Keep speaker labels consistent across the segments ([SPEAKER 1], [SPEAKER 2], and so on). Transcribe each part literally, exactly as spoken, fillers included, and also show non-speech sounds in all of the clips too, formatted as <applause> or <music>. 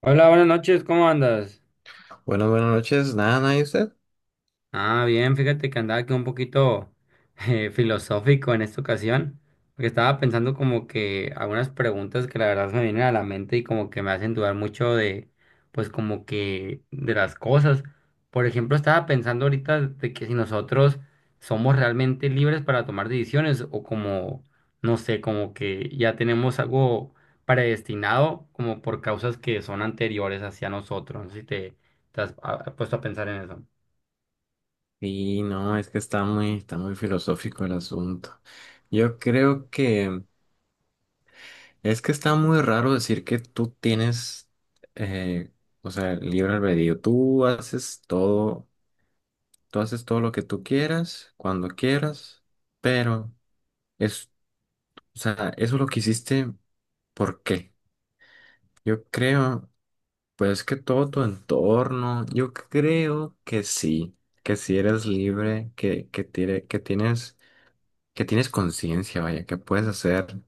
[SPEAKER 1] Hola, buenas noches, ¿cómo andas?
[SPEAKER 2] Buenas, buenas noches. Nada, nada, ¿y usted?
[SPEAKER 1] Ah, bien, fíjate que andaba aquí un poquito eh, filosófico en esta ocasión, porque estaba pensando como que algunas preguntas que la verdad me vienen a la mente y como que me hacen dudar mucho de, pues como que de las cosas. Por ejemplo, estaba pensando ahorita de que si nosotros somos realmente libres para tomar decisiones o como, no sé, como que ya tenemos algo predestinado como por causas que son anteriores hacia nosotros. No sé si te, te has ah, puesto a pensar en eso.
[SPEAKER 2] Sí, no, es que está muy, está muy filosófico el asunto. Yo creo que Es que está muy raro decir que tú tienes, eh, o sea, libre albedrío. Tú haces todo, tú haces todo lo que tú quieras, cuando quieras, pero es, o sea, eso lo que hiciste, ¿por qué? Yo creo, pues que todo tu entorno, yo creo que sí, que si eres libre, que, que, tiene- que tienes, que tienes conciencia, vaya, que puedes hacer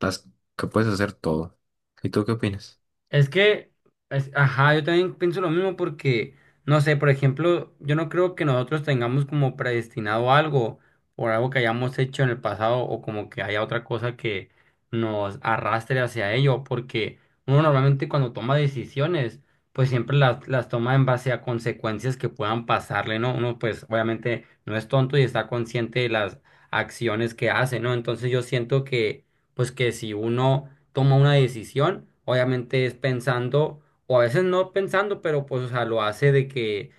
[SPEAKER 2] las, que puedes hacer todo. ¿Y tú qué opinas?
[SPEAKER 1] Es que, es- ajá, yo también pienso lo mismo porque, no sé, por ejemplo, yo no creo que nosotros tengamos como predestinado algo por algo que hayamos hecho en el pasado o como que haya otra cosa que nos arrastre hacia ello, porque uno normalmente cuando toma decisiones, pues siempre las, las toma en base a consecuencias que puedan pasarle, ¿no? Uno pues obviamente no es tonto y está consciente de las acciones que hace, ¿no? Entonces yo siento que, pues que si uno toma una decisión, obviamente es pensando, o a veces no pensando, pero pues, o sea, lo hace de que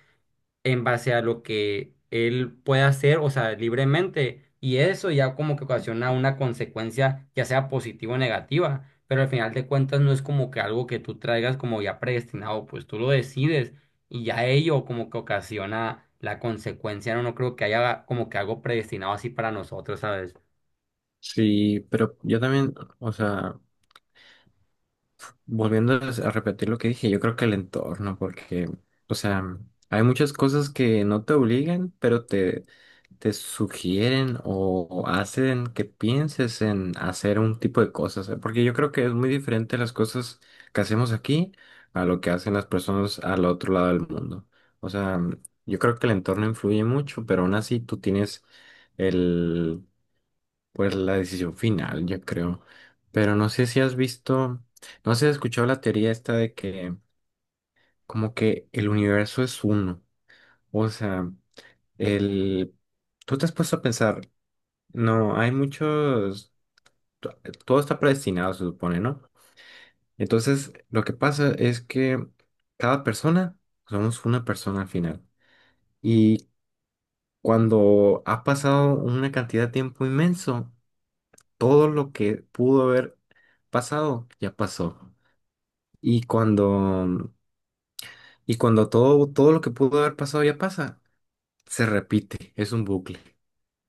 [SPEAKER 1] en base a lo que él puede hacer, o sea, libremente, y eso ya como que ocasiona una consecuencia, ya sea positiva o negativa, pero al final de cuentas no es como que algo que tú traigas como ya predestinado, pues tú lo decides, y ya ello como que ocasiona la consecuencia, no, no creo que haya como que algo predestinado así para nosotros, ¿sabes?
[SPEAKER 2] Sí, pero yo también, o sea, volviendo a a repetir lo que dije, yo creo que el entorno, porque, o sea, hay muchas cosas que no te obligan, pero te, te sugieren o hacen que pienses en hacer un tipo de cosas, ¿eh? Porque yo creo que es muy diferente las cosas que hacemos aquí a lo que hacen las personas al otro lado del mundo. O sea, yo creo que el entorno influye mucho, pero aún así tú tienes el pues la decisión final, yo creo. Pero no sé si has visto, no sé si has escuchado la teoría esta de que como que el universo es uno. O sea, el... tú te has puesto a pensar, no, hay muchos, to- todo está predestinado, se supone, ¿no? Entonces, lo que pasa es que cada persona, somos una persona al final. Y cuando ha pasado una cantidad de tiempo inmenso, todo lo que pudo haber pasado ya pasó. Y cuando, y cuando todo, todo lo que pudo haber pasado ya pasa, se repite, es un bucle.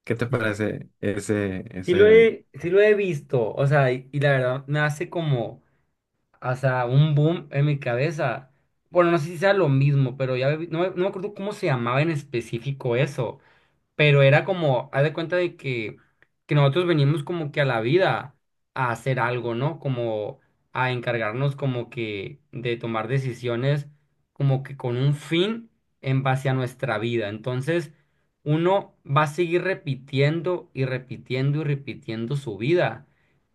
[SPEAKER 2] ¿Qué te
[SPEAKER 1] Mm.
[SPEAKER 2] parece ese,
[SPEAKER 1] Sí lo
[SPEAKER 2] ese?
[SPEAKER 1] he, sí lo he visto, o sea, y, y la verdad me hace como, o sea, un boom en mi cabeza. Bueno, no sé si sea lo mismo, pero ya vi- no, me- no me acuerdo cómo se llamaba en específico eso, pero era como, haz de cuenta de que, que nosotros venimos como que a la vida a hacer algo, ¿no? Como a encargarnos como que de tomar decisiones como que con un fin en base a nuestra vida. Entonces, uno va a seguir repitiendo y repitiendo y repitiendo su vida,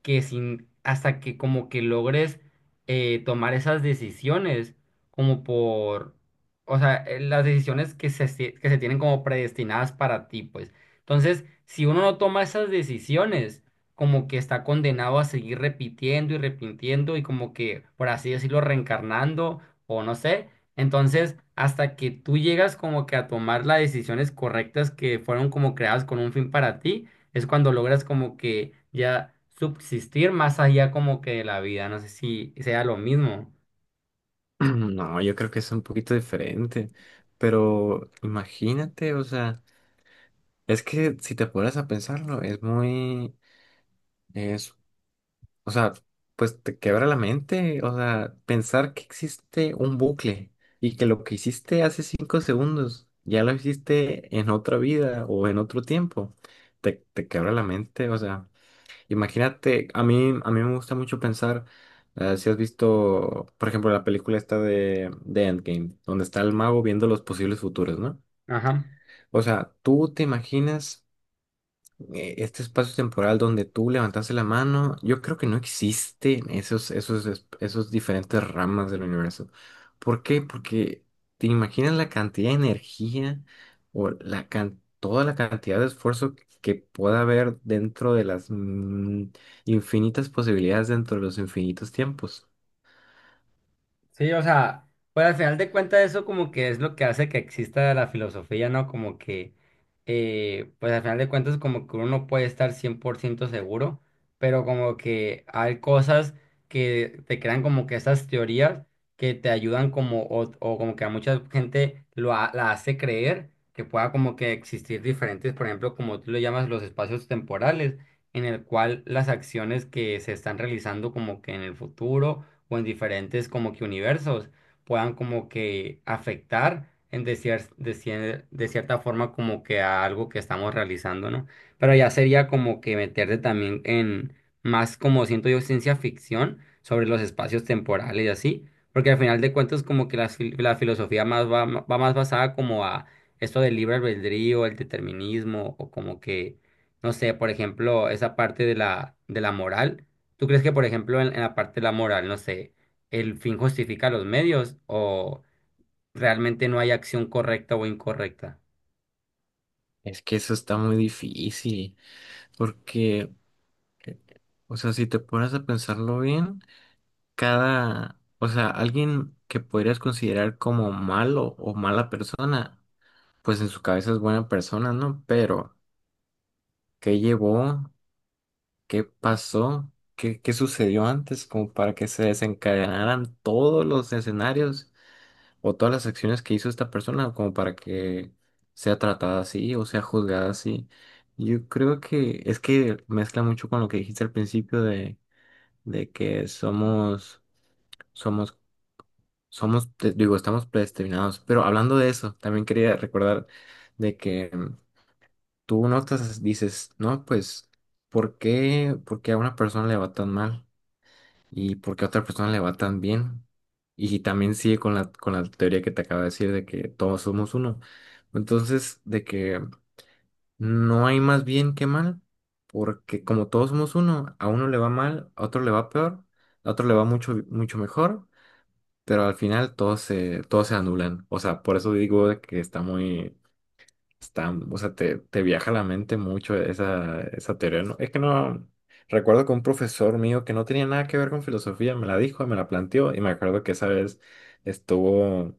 [SPEAKER 1] que sin, hasta que como que logres eh, tomar esas decisiones como por o sea, eh, las decisiones que se, esti- que se tienen como predestinadas para ti, pues. Entonces, si uno no toma esas decisiones, como que está condenado a seguir repitiendo y repitiendo y como que, por así decirlo, reencarnando o no sé. Entonces, hasta que tú llegas como que a tomar las decisiones correctas que fueron como creadas con un fin para ti, es cuando logras como que ya subsistir más allá como que de la vida. No sé si sea lo mismo.
[SPEAKER 2] <clears throat> No, yo creo que es un poquito diferente, pero imagínate, o sea, es que si te pones a pensarlo, es muy, es O sea, pues te quebra la mente, o sea, pensar que existe un bucle y que lo que hiciste hace cinco segundos ya lo hiciste en otra vida o en otro tiempo, te, te quebra la mente, o sea, imagínate, a mí, a mí me gusta mucho pensar, eh, si has visto, por ejemplo, la película esta de, de Endgame, donde está el mago viendo los posibles futuros, ¿no?
[SPEAKER 1] Ajá.
[SPEAKER 2] O sea, tú te imaginas eh, este espacio temporal donde tú levantaste la mano, yo creo que no existen esos, esos, es- esos diferentes ramas del universo. ¿Por qué? Porque te imaginas la cantidad de energía o la can- toda la cantidad de esfuerzo que pueda haber dentro de las mm, infinitas posibilidades dentro de los infinitos tiempos.
[SPEAKER 1] Sí, o sea, pues al final de cuentas eso como que es lo que hace que exista la filosofía, ¿no? Como que, eh, pues al final de cuentas como que uno no puede estar cien por ciento seguro, pero como que hay cosas que te crean como que estas teorías que te ayudan como, o, o como que a mucha gente lo ha- la hace creer que pueda como que existir diferentes, por ejemplo, como tú lo llamas, los espacios temporales, en el cual las acciones que se están realizando como que en el futuro o en diferentes como que universos puedan como que afectar en de, cier- de, cier- de cierta forma como que a algo que estamos realizando, ¿no? Pero ya sería como que meterte también en más como siento yo ciencia ficción sobre los espacios temporales y así, porque al final de cuentas como que la, fil- la filosofía más va, va más basada como a esto del libre albedrío, el determinismo o como que, no sé, por ejemplo, esa parte de la, de la moral. ¿Tú crees que, por ejemplo, en, en la parte de la moral, no sé, el fin justifica los medios o realmente no hay acción correcta o incorrecta?
[SPEAKER 2] Es que eso está muy difícil, porque, eh, o sea, si te pones a pensarlo bien, cada, o sea, alguien que podrías considerar como malo o mala persona, pues en su cabeza es buena persona, ¿no? Pero, ¿qué llevó? ¿Qué pasó? ¿Qué, qué sucedió antes como para que se desencadenaran todos los escenarios o todas las acciones que hizo esta persona como para que sea tratada así o sea juzgada así? Yo creo que es que mezcla mucho con lo que dijiste al principio de, de que somos somos Somos, te- digo, estamos predestinados. Pero hablando de eso, también quería recordar de que mm, tú notas, dices, no, pues, ¿por qué, por qué a una persona le va tan mal? ¿Y por qué a otra persona le va tan bien? Y también sigue con la, con la teoría que te acabo de decir de que todos somos uno. Entonces, de que no hay más bien que mal, porque como todos somos uno, a uno le va mal, a otro le va peor, a otro le va mucho, mucho mejor, pero al final todos se, todos se anulan. O sea, por eso digo de que está muy, está, o sea, te, te viaja la mente mucho esa, esa teoría. ¿No? Es que no, recuerdo que un profesor mío que no tenía nada que ver con filosofía me la dijo, me la planteó y me acuerdo que esa vez estuvo,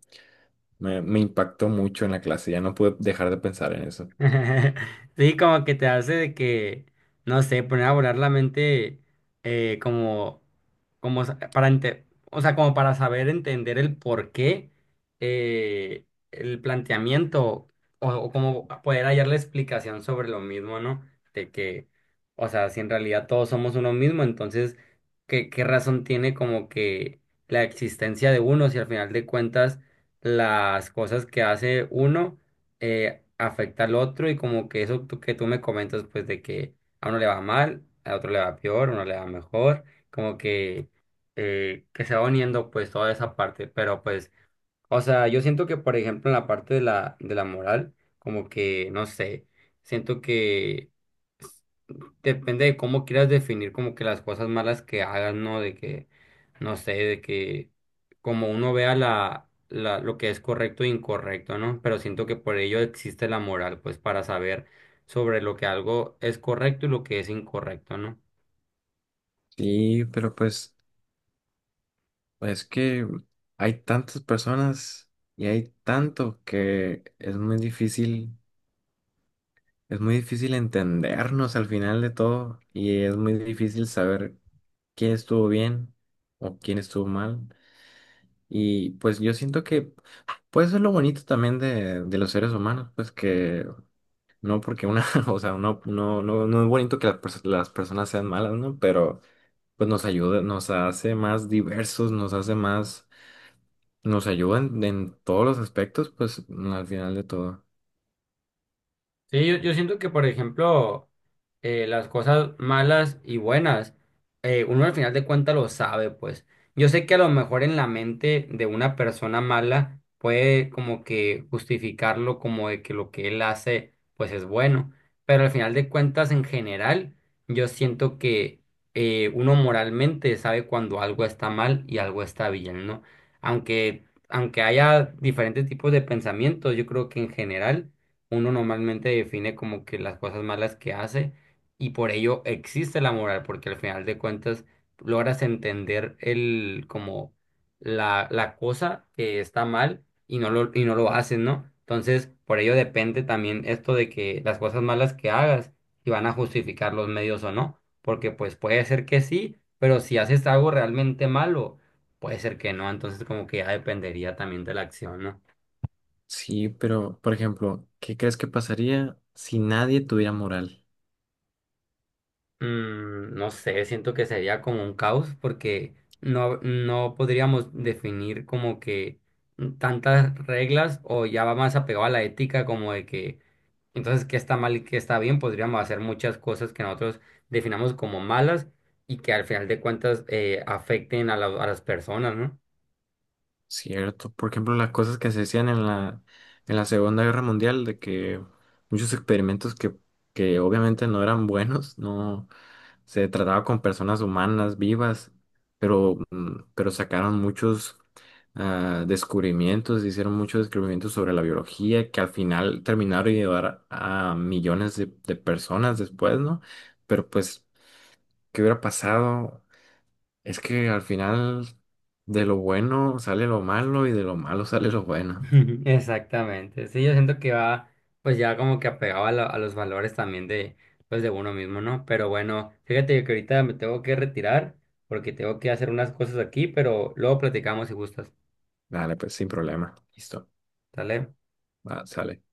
[SPEAKER 2] me, me impactó mucho en la clase, ya no pude dejar de pensar en eso.
[SPEAKER 1] <laughs> Sí, como que te hace de que, no sé, poner a volar la mente eh, como, como sa- para ente- o sea, como para saber entender el por qué eh, el planteamiento o, o como poder hallar la explicación sobre lo mismo, ¿no? De que, o sea, si en realidad todos somos uno mismo, entonces, ¿qué, qué razón tiene como que la existencia de uno si al final de cuentas las cosas que hace uno eh, afecta al otro y como que eso tú- que tú me comentas, pues de que a uno le va mal, a otro le va peor, a uno le va mejor, como que, eh, que se va uniendo pues toda esa parte, pero pues, o sea, yo siento que por ejemplo en la parte de la, de la moral, como que, no sé, siento que depende de cómo quieras definir como que las cosas malas que hagas, ¿no? De que, no sé, de que como uno vea la, la, lo que es correcto e incorrecto, ¿no? Pero siento que por ello existe la moral, pues para saber sobre lo que algo es correcto y lo que es incorrecto, ¿no?
[SPEAKER 2] Sí, pero pues es que hay tantas personas y hay tanto que es muy difícil Es muy difícil entendernos al final de todo y es muy difícil saber quién estuvo bien o quién estuvo mal. Y pues yo siento que pues eso es lo bonito también de, de los seres humanos, pues que no porque una, <laughs> o sea, no, no, no, no es bonito que las, pers- las personas sean malas, ¿no? Pero pues nos ayuda, nos hace más diversos, nos hace más, nos ayuda en, en todos los aspectos, pues al final de todo.
[SPEAKER 1] Sí, yo, yo siento que, por ejemplo, eh, las cosas malas y buenas, eh, uno al final de cuentas lo sabe, pues. Yo sé que a lo mejor en la mente de una persona mala puede como que justificarlo como de que lo que él hace, pues es bueno. Pero al final de cuentas, en general, yo siento que eh, uno moralmente sabe cuando algo está mal y algo está bien, ¿no? Aunque, aunque haya diferentes tipos de pensamientos, yo creo que en general uno normalmente define como que las cosas malas que hace y por ello existe la moral, porque al final de cuentas logras entender el como la, la cosa que está mal y no lo, y no lo haces, ¿no? Entonces, por ello depende también esto de que las cosas malas que hagas, si van a justificar los medios o no, porque pues puede ser que sí, pero si haces algo realmente malo, puede ser que no, entonces como que ya dependería también de la acción, ¿no?
[SPEAKER 2] Sí, pero, por ejemplo, ¿qué crees que pasaría si nadie tuviera moral?
[SPEAKER 1] Mm, no sé, siento que sería como un caos porque no, no podríamos definir como que tantas reglas o ya va más apegado a la ética como de que entonces qué está mal y qué está bien, podríamos hacer muchas cosas que nosotros definamos como malas y que al final de cuentas eh, afecten a, la- a las personas, ¿no?
[SPEAKER 2] ¿Cierto? Por ejemplo, las cosas que se decían en la, en la Segunda Guerra Mundial, de que muchos experimentos que, que obviamente no eran buenos, no se trataba con personas humanas vivas, pero, mm, pero sacaron muchos ah, descubrimientos, hicieron muchos descubrimientos sobre la biología, que al final terminaron de ayudar a millones de, de personas después, ¿no? Pero pues... ¿Qué hubiera pasado? Es que al final de lo bueno sale lo malo y de lo malo sale lo bueno.
[SPEAKER 1] <laughs> Exactamente. Sí, yo siento que va, pues ya como que apegado a, la- a los valores también de, pues de uno mismo, ¿no? Pero bueno, fíjate que ahorita me tengo que retirar porque tengo que hacer unas cosas aquí, pero luego platicamos si gustas.
[SPEAKER 2] Dale, pues sin problema. Listo.
[SPEAKER 1] ¿Sale?
[SPEAKER 2] Va, sale.